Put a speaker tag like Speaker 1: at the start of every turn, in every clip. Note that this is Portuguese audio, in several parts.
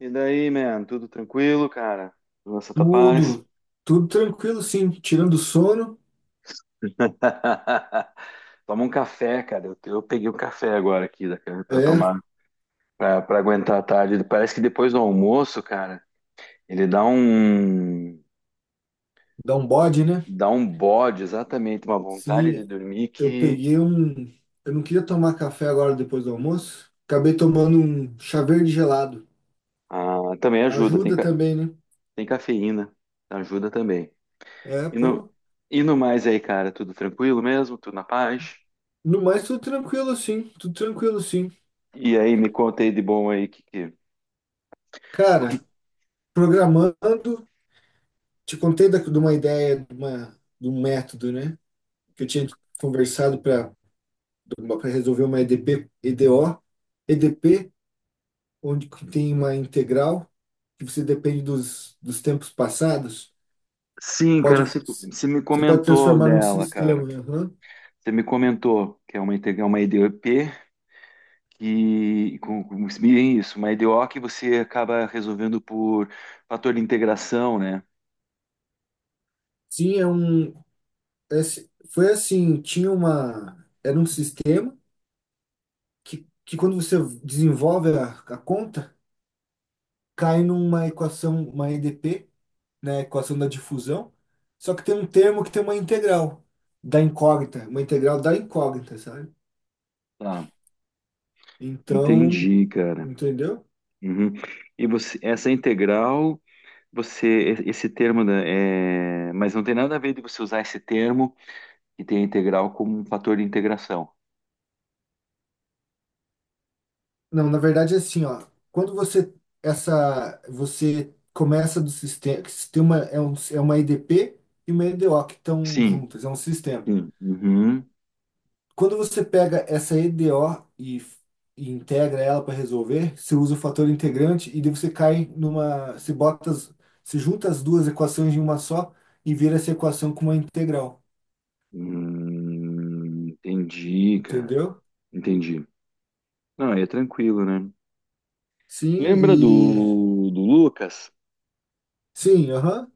Speaker 1: E daí, man? Tudo tranquilo, cara? Nossa, tá paz?
Speaker 2: Tudo, tudo tranquilo, sim. Tirando o sono,
Speaker 1: Toma um café, cara. Eu peguei um café agora aqui da- pra
Speaker 2: é,
Speaker 1: tomar, pra aguentar a tarde. Parece que depois do almoço, cara, ele
Speaker 2: dá um bode, né?
Speaker 1: dá um bode, exatamente, uma vontade de
Speaker 2: Sim,
Speaker 1: dormir
Speaker 2: eu
Speaker 1: que
Speaker 2: peguei um. Eu não queria tomar café agora depois do almoço. Acabei tomando um chá verde gelado.
Speaker 1: ah, também ajuda.
Speaker 2: Ajuda também, né?
Speaker 1: Tem cafeína, ajuda também.
Speaker 2: É,
Speaker 1: E no,
Speaker 2: pô.
Speaker 1: e no mais aí, cara, tudo tranquilo mesmo? Tudo na paz?
Speaker 2: No mais, tudo tranquilo, sim. Tudo tranquilo, sim.
Speaker 1: E aí, me conta aí de bom aí, que, o
Speaker 2: Cara, programando, te contei de uma ideia, de um método, né? Que eu tinha conversado para resolver uma EDP, EDO. EDP onde que tem uma integral que você depende dos tempos passados.
Speaker 1: sim, cara,
Speaker 2: Pode,
Speaker 1: você me
Speaker 2: você pode
Speaker 1: comentou
Speaker 2: transformar num
Speaker 1: dela, cara.
Speaker 2: sistema, né? Aham.
Speaker 1: Você me comentou que é é uma IDP que com- bem isso, uma IDO que você acaba resolvendo por fator de integração, né?
Speaker 2: Sim, é um. Foi assim, tinha uma. Era um sistema que quando você desenvolve a conta, cai numa equação, uma EDP, né? Equação da difusão. Só que tem um termo que tem uma integral da incógnita, uma integral da incógnita, sabe?
Speaker 1: Tá,
Speaker 2: Então,
Speaker 1: entendi, cara.
Speaker 2: entendeu?
Speaker 1: Uhum. E você, essa integral, você, esse termo, mas não tem nada a ver de você usar esse termo que tem a integral como um fator de integração.
Speaker 2: Não, na verdade é assim, ó. Quando você Essa você começa do sistema, que sistema é, um, é uma EDP e uma EDO que estão
Speaker 1: Sim,
Speaker 2: juntas, é um sistema.
Speaker 1: sim. Uhum.
Speaker 2: Quando você pega essa EDO e integra ela para resolver, você usa o fator integrante e daí você cai numa, você junta as duas equações em uma só e vira essa equação com uma integral,
Speaker 1: Entendi, cara.
Speaker 2: entendeu?
Speaker 1: Entendi. Não, aí é tranquilo, né?
Speaker 2: Sim,
Speaker 1: Lembra
Speaker 2: e
Speaker 1: do, Lucas?
Speaker 2: sim, aham.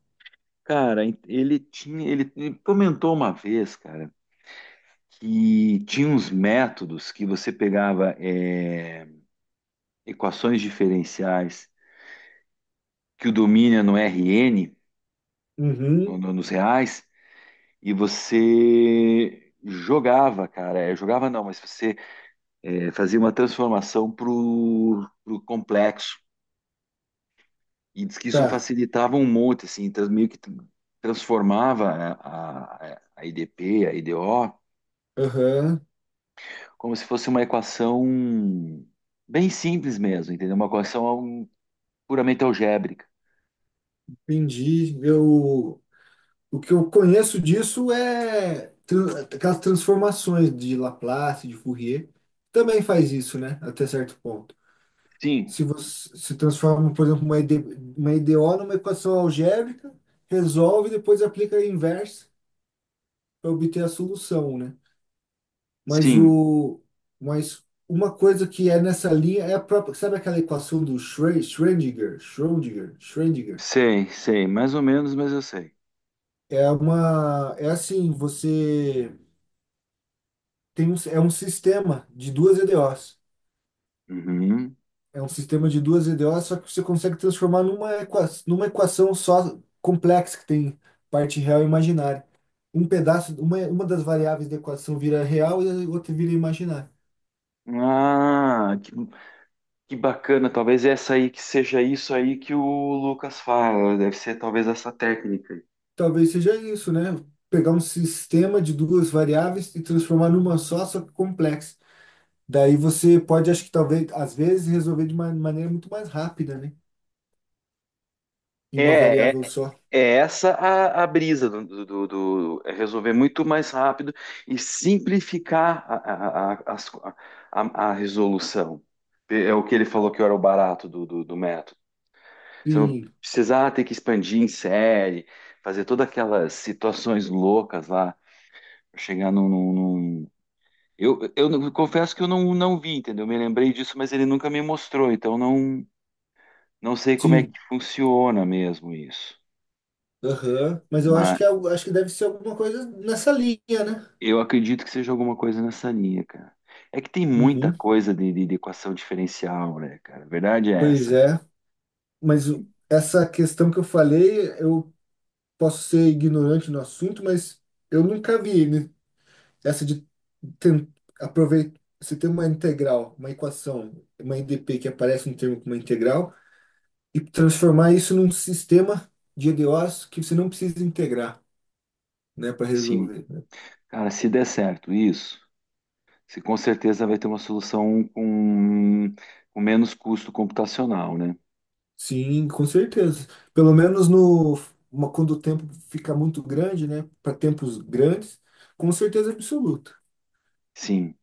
Speaker 1: Cara, ele comentou uma vez, cara, que tinha uns métodos que você pegava equações diferenciais que o domínio é no RN, no-
Speaker 2: Uhum,
Speaker 1: no- nos reais, e você jogava, cara, jogava não, mas você fazia uma transformação pro complexo. E diz que isso
Speaker 2: tá.
Speaker 1: facilitava um monte, assim, meio que transformava, né, a IDP, a IDO,
Speaker 2: Aham,
Speaker 1: como se fosse uma equação bem simples mesmo, entendeu? Uma equação puramente algébrica.
Speaker 2: entendi. Eu O que eu conheço disso é aquelas transformações de Laplace, de Fourier, também faz isso, né? Até certo ponto.
Speaker 1: Sim,
Speaker 2: Se você se transforma, por exemplo, uma ED, uma EDO numa equação algébrica, resolve e depois aplica a inversa para obter a solução, né? Mas
Speaker 1: sim,
Speaker 2: o mas uma coisa que é nessa linha é a própria, sabe aquela equação do Schrödinger?
Speaker 1: sei, sei, mais ou menos, mas eu sei.
Speaker 2: É uma É assim, você tem um, é um sistema de duas EDOs.
Speaker 1: Uhum.
Speaker 2: É um sistema de duas EDOs, só que você consegue transformar numa equação só complexa, que tem parte real e imaginária. Um pedaço, uma das variáveis da equação vira real e a outra vira imaginária.
Speaker 1: Ah, que bacana, talvez essa aí que seja isso aí que o Lucas fala, deve ser talvez essa técnica.
Speaker 2: Talvez seja isso, né? Pegar um sistema de duas variáveis e transformar numa só, só que complexa. Daí você pode, acho que talvez, às vezes, resolver de uma maneira muito mais rápida, né? Em uma
Speaker 1: É, é,
Speaker 2: variável só.
Speaker 1: é essa a brisa do, é resolver muito mais rápido e simplificar as resolução. É o que ele falou que era o barato do, do método. Você não
Speaker 2: Sim,
Speaker 1: precisar ter que expandir em série, fazer todas aquelas situações loucas lá, pra chegar num, num- num- eu não- Confesso que eu não vi, entendeu? Me lembrei disso, mas ele nunca me mostrou, então não sei como é
Speaker 2: sim,
Speaker 1: que funciona mesmo isso.
Speaker 2: aham. Mas eu acho que, é algo- Acho que deve ser alguma coisa nessa linha, né?
Speaker 1: Eu acredito que seja alguma coisa nessa linha, cara. É que tem muita
Speaker 2: Uhum.
Speaker 1: coisa de, de equação diferencial, né, cara? A verdade é
Speaker 2: Pois
Speaker 1: essa.
Speaker 2: é. Essa questão que eu falei, eu posso ser ignorante no assunto, mas eu nunca vi, né? Essa de ten- aproveitar. Você tem uma integral, uma equação, uma IDP que aparece um termo como uma integral, e transformar isso num sistema de EDOs que você não precisa integrar, né, para
Speaker 1: Sim.
Speaker 2: resolver.
Speaker 1: Cara, se der certo isso, se com certeza vai ter uma solução com menos custo computacional, né?
Speaker 2: Sim, com certeza. Pelo menos no, quando o tempo fica muito grande, né? Para tempos grandes, com certeza absoluta.
Speaker 1: Sim.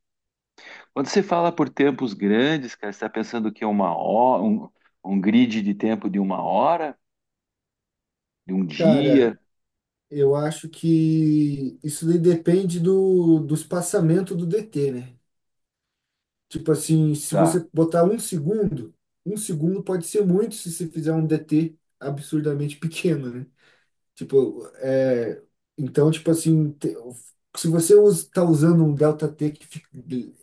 Speaker 1: Quando você fala por tempos grandes, cara, você está pensando que é uma hora, um grid de tempo de uma hora, de um
Speaker 2: Cara,
Speaker 1: dia,
Speaker 2: eu acho que isso daí depende do espaçamento do DT, né? Tipo assim, se
Speaker 1: tá?
Speaker 2: você botar um segundo pode ser muito se você fizer um DT absurdamente pequeno, né? Tipo, é, então, tipo assim, se você está usando um delta T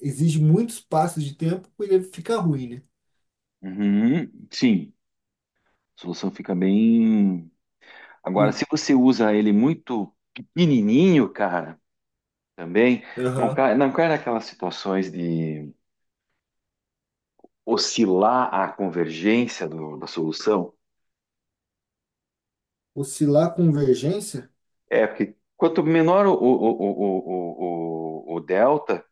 Speaker 2: exige muitos passos de tempo, ele fica ruim, né?
Speaker 1: Uhum. Sim. A solução fica bem. Agora,
Speaker 2: Por-
Speaker 1: se você usa ele muito pequenininho, cara, também
Speaker 2: Aham.
Speaker 1: não cai naquelas situações de oscilar a convergência da solução.
Speaker 2: Oscilar a convergência?
Speaker 1: É porque quanto menor o delta,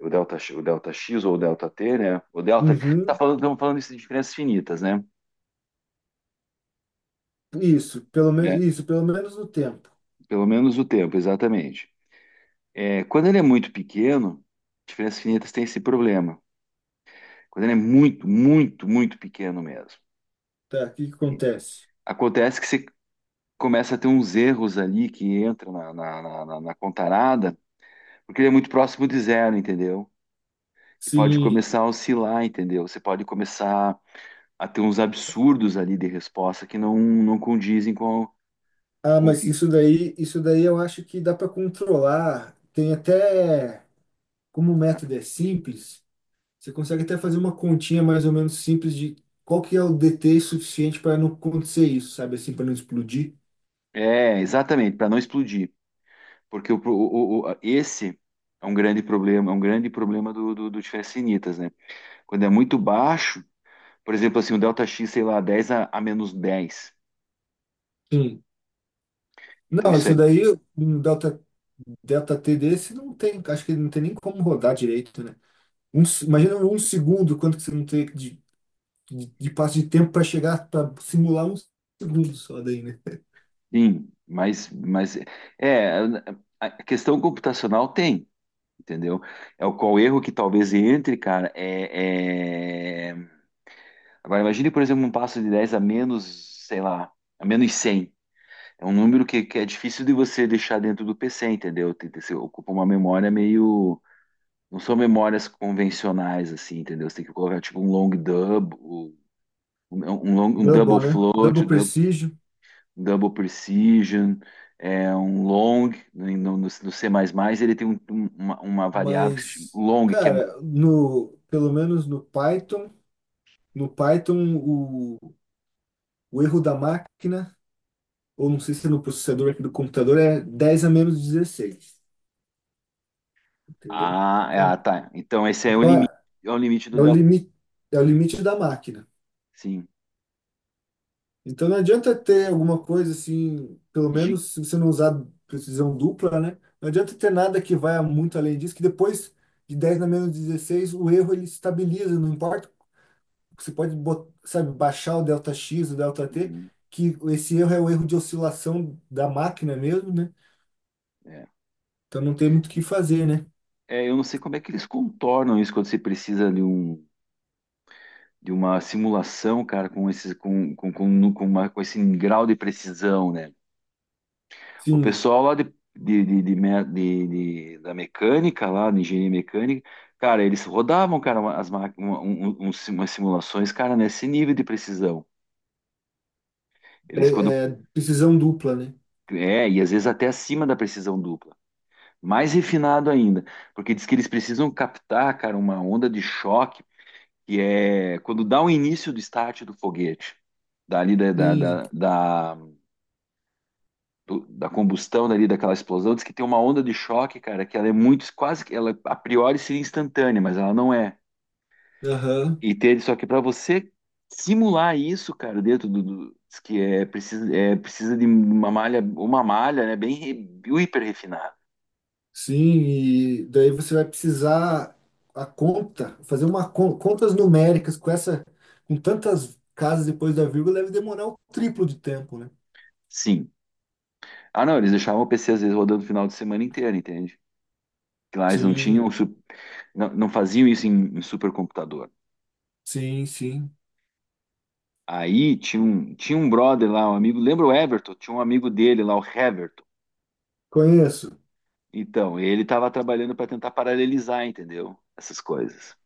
Speaker 1: o delta x ou o delta t, né? O delta,
Speaker 2: Uhum,
Speaker 1: estamos falando isso de diferenças finitas, né? Né?
Speaker 2: isso, pelo menos no tempo.
Speaker 1: Pelo menos o tempo, exatamente. É, quando ele é muito pequeno, diferenças finitas têm esse problema. Quando ele é muito, muito, muito pequeno mesmo.
Speaker 2: Tá, o que que acontece?
Speaker 1: Acontece que você começa a ter uns erros ali que entram na contarada, porque ele é muito próximo de zero, entendeu? E pode
Speaker 2: Sim.
Speaker 1: começar a oscilar, entendeu? Você pode começar a ter uns absurdos ali de resposta que não condizem
Speaker 2: Ah,
Speaker 1: com o
Speaker 2: mas
Speaker 1: que.
Speaker 2: isso daí eu acho que dá para controlar. Tem até, como o método é simples, você consegue até fazer uma continha mais ou menos simples de qual que é o DT suficiente para não acontecer isso, sabe? Assim, para não explodir.
Speaker 1: É, exatamente, para não explodir. Porque o, pro- o- esse é um grande problema, é um grande problema do, do diferença initas, né? Quando é muito baixo, por exemplo, assim, o delta x, sei lá, 10 a menos dez.
Speaker 2: Sim.
Speaker 1: Então,
Speaker 2: Não,
Speaker 1: isso
Speaker 2: isso
Speaker 1: é,
Speaker 2: daí, um delta, delta T desse não tem, acho que não tem nem como rodar direito, né? Imagina um segundo, quanto que você não tem de, de passo de tempo para chegar, para simular um segundo só daí, né?
Speaker 1: sim, mas, é, a questão computacional tem, entendeu? É o qual erro que talvez entre, cara, é, é- Agora, imagine, por exemplo, um passo de 10 a menos, sei lá, a menos 100. É um número que é difícil de você deixar dentro do PC, entendeu? Tem, você ocupa uma memória meio... Não são memórias convencionais, assim, entendeu? Você tem que colocar, tipo, um long double, um double
Speaker 2: Double, né?
Speaker 1: float,
Speaker 2: Double precision,
Speaker 1: double precision, é um long, né, no, no C++, ele tem uma variável que se chama
Speaker 2: mas,
Speaker 1: long, que
Speaker 2: cara, pelo menos no Python, no Python, o, o erro da máquina ou não sei se é no processador aqui do computador, é 10 a menos 16 entendeu?
Speaker 1: É, ah,
Speaker 2: Então,
Speaker 1: tá. Então esse
Speaker 2: então
Speaker 1: é o limite do
Speaker 2: é o
Speaker 1: delta.
Speaker 2: limite, é o limite da máquina.
Speaker 1: Sim.
Speaker 2: Então não adianta ter alguma coisa assim, pelo
Speaker 1: Gi-
Speaker 2: menos se você não usar precisão dupla, né? Não adianta ter nada que vá muito além disso, que depois de 10 na menos 16 o erro ele estabiliza, não importa. Você pode, sabe, baixar o delta X, o delta T,
Speaker 1: Uhum,
Speaker 2: que esse erro é o erro de oscilação da máquina mesmo, né?
Speaker 1: é.
Speaker 2: Então não tem muito o que fazer, né?
Speaker 1: É, eu não sei como é que eles contornam isso quando você precisa de um... De uma simulação, cara, com esse, com, uma, com esse grau de precisão, né? O
Speaker 2: Sim,
Speaker 1: pessoal lá de me- de- da mecânica, lá, de engenharia mecânica, cara, eles rodavam, cara, as máquinas, umas simulações, cara, nesse nível de precisão. Eles quando.
Speaker 2: é precisão dupla, né?
Speaker 1: É, e às vezes até acima da precisão dupla. Mais refinado ainda, porque diz que eles precisam captar, cara, uma onda de choque, que é quando dá o início do start do foguete, dali da, da,
Speaker 2: Sim,
Speaker 1: da, da- do- da combustão ali, daquela explosão, diz que tem uma onda de choque, cara, que ela é muito, quase que ela a priori seria instantânea, mas ela não é.
Speaker 2: aham.
Speaker 1: E ter, só que para você simular isso, cara, dentro do, diz que é precisa de uma malha, né, bem hiper refinada.
Speaker 2: Sim, e daí você vai precisar fazer uma contas numéricas com essa, com tantas casas depois da vírgula deve demorar o triplo de tempo, né?
Speaker 1: Sim. Ah, não, eles deixavam o PC às vezes rodando o final de semana inteiro, entende? Que lá eles não
Speaker 2: Sim,
Speaker 1: tinham, su- não faziam isso em, supercomputador.
Speaker 2: sim, sim.
Speaker 1: Aí tinha um, brother lá, um amigo, lembra o Everton? Tinha um amigo dele lá, o Heverton.
Speaker 2: Conheço.
Speaker 1: Então, ele estava trabalhando para tentar paralelizar, entendeu? Essas coisas.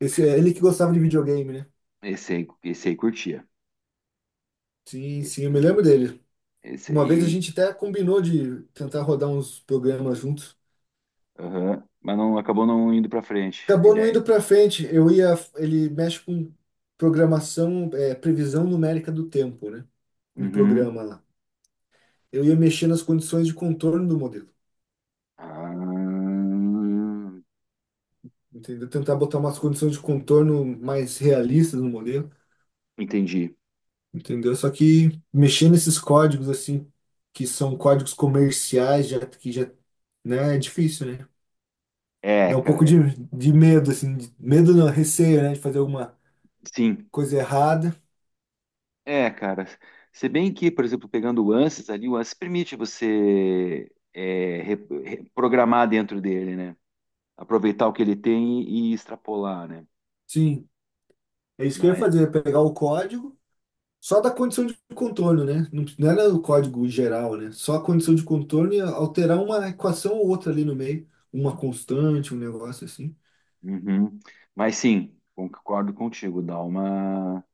Speaker 2: Esse é ele que gostava de videogame, né?
Speaker 1: Esse aí curtia.
Speaker 2: Sim, sim, eu me lembro dele.
Speaker 1: Esse
Speaker 2: Uma vez a
Speaker 1: aí,
Speaker 2: gente até combinou de tentar rodar uns programas juntos.
Speaker 1: aham. Mas não acabou não indo para frente a
Speaker 2: Acabou não
Speaker 1: ideia.
Speaker 2: indo para frente. Eu ia, ele mexe com programação, previsão numérica do tempo, né? Um
Speaker 1: Uhum.
Speaker 2: programa lá. Eu ia mexer nas condições de contorno do modelo,
Speaker 1: Ah,
Speaker 2: entendeu? Tentar botar umas condições de contorno mais realistas no modelo,
Speaker 1: entendi.
Speaker 2: entendeu? Só que mexer nesses códigos assim, que são códigos comerciais, já que já, né, é difícil, né?
Speaker 1: É,
Speaker 2: Dá um pouco
Speaker 1: cara.
Speaker 2: de medo assim, medo não, receio, né, de fazer alguma
Speaker 1: Sim.
Speaker 2: coisa errada.
Speaker 1: É, cara. Se bem que, por exemplo, pegando o ANSYS ali, o ANSYS permite você programar dentro dele, né? Aproveitar o que ele tem e extrapolar, né?
Speaker 2: Sim, é isso que eu ia
Speaker 1: Mas,
Speaker 2: fazer, pegar o código só da condição de contorno, né? Não, não era o código geral, né? Só a condição de contorno e alterar uma equação ou outra ali no meio. Uma constante, um negócio assim.
Speaker 1: uhum. Mas sim, concordo contigo,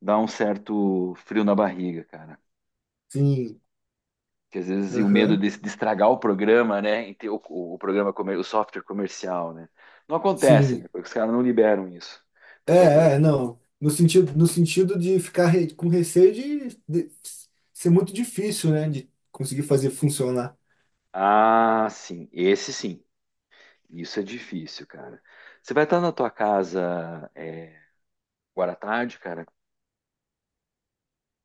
Speaker 1: dá um certo frio na barriga, cara.
Speaker 2: Sim.
Speaker 1: Que às vezes e o medo
Speaker 2: Aham.
Speaker 1: de estragar o programa, né? E ter o, o software comercial, né? Não acontece, né?
Speaker 2: Sim.
Speaker 1: Porque os caras não liberam isso para fazer.
Speaker 2: Não. No sentido, de ficar com receio de ser muito difícil, né? De conseguir fazer funcionar.
Speaker 1: Ah, sim, esse sim. Isso é difícil, cara. Você vai estar na tua casa agora à tarde, cara?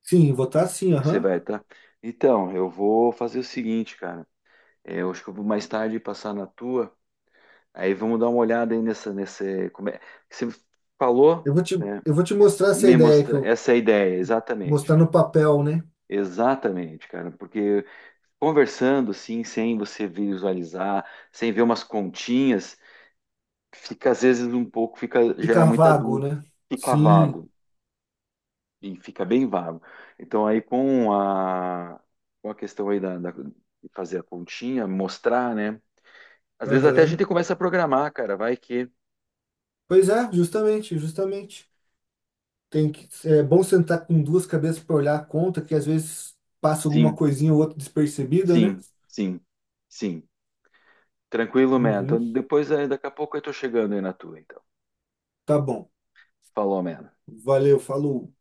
Speaker 2: Sim, votar sim,
Speaker 1: Você
Speaker 2: aham.
Speaker 1: vai estar. Então, eu vou fazer o seguinte, cara. É, eu acho que eu vou mais tarde passar na tua. Aí vamos dar uma olhada aí nessa, nesse, como é, que você falou,
Speaker 2: Eu vou te,
Speaker 1: né?
Speaker 2: eu vou te mostrar essa
Speaker 1: Me
Speaker 2: ideia que
Speaker 1: mostra,
Speaker 2: eu
Speaker 1: essa é a ideia, exatamente.
Speaker 2: mostrar no papel, né?
Speaker 1: Exatamente, cara, porque conversando assim, sem você visualizar, sem ver umas continhas, fica às vezes um pouco, fica, gera
Speaker 2: Ficar
Speaker 1: muita
Speaker 2: vago,
Speaker 1: dúvida,
Speaker 2: né?
Speaker 1: fica
Speaker 2: Sim,
Speaker 1: vago, e fica bem vago. Então aí com a questão aí de fazer a continha, mostrar, né? Às vezes até a
Speaker 2: aham.
Speaker 1: gente começa a programar, cara, vai que
Speaker 2: Pois é, justamente, justamente. Tem que, é bom sentar com duas cabeças para olhar a conta, que às vezes passa alguma
Speaker 1: sim,
Speaker 2: coisinha ou outra despercebida, né?
Speaker 1: sim, sim. Sim. Tranquilo, man. Então,
Speaker 2: Uhum,
Speaker 1: depois, aí, daqui a pouco eu tô chegando aí na tua, então.
Speaker 2: tá bom.
Speaker 1: Falou, man.
Speaker 2: Valeu, falou.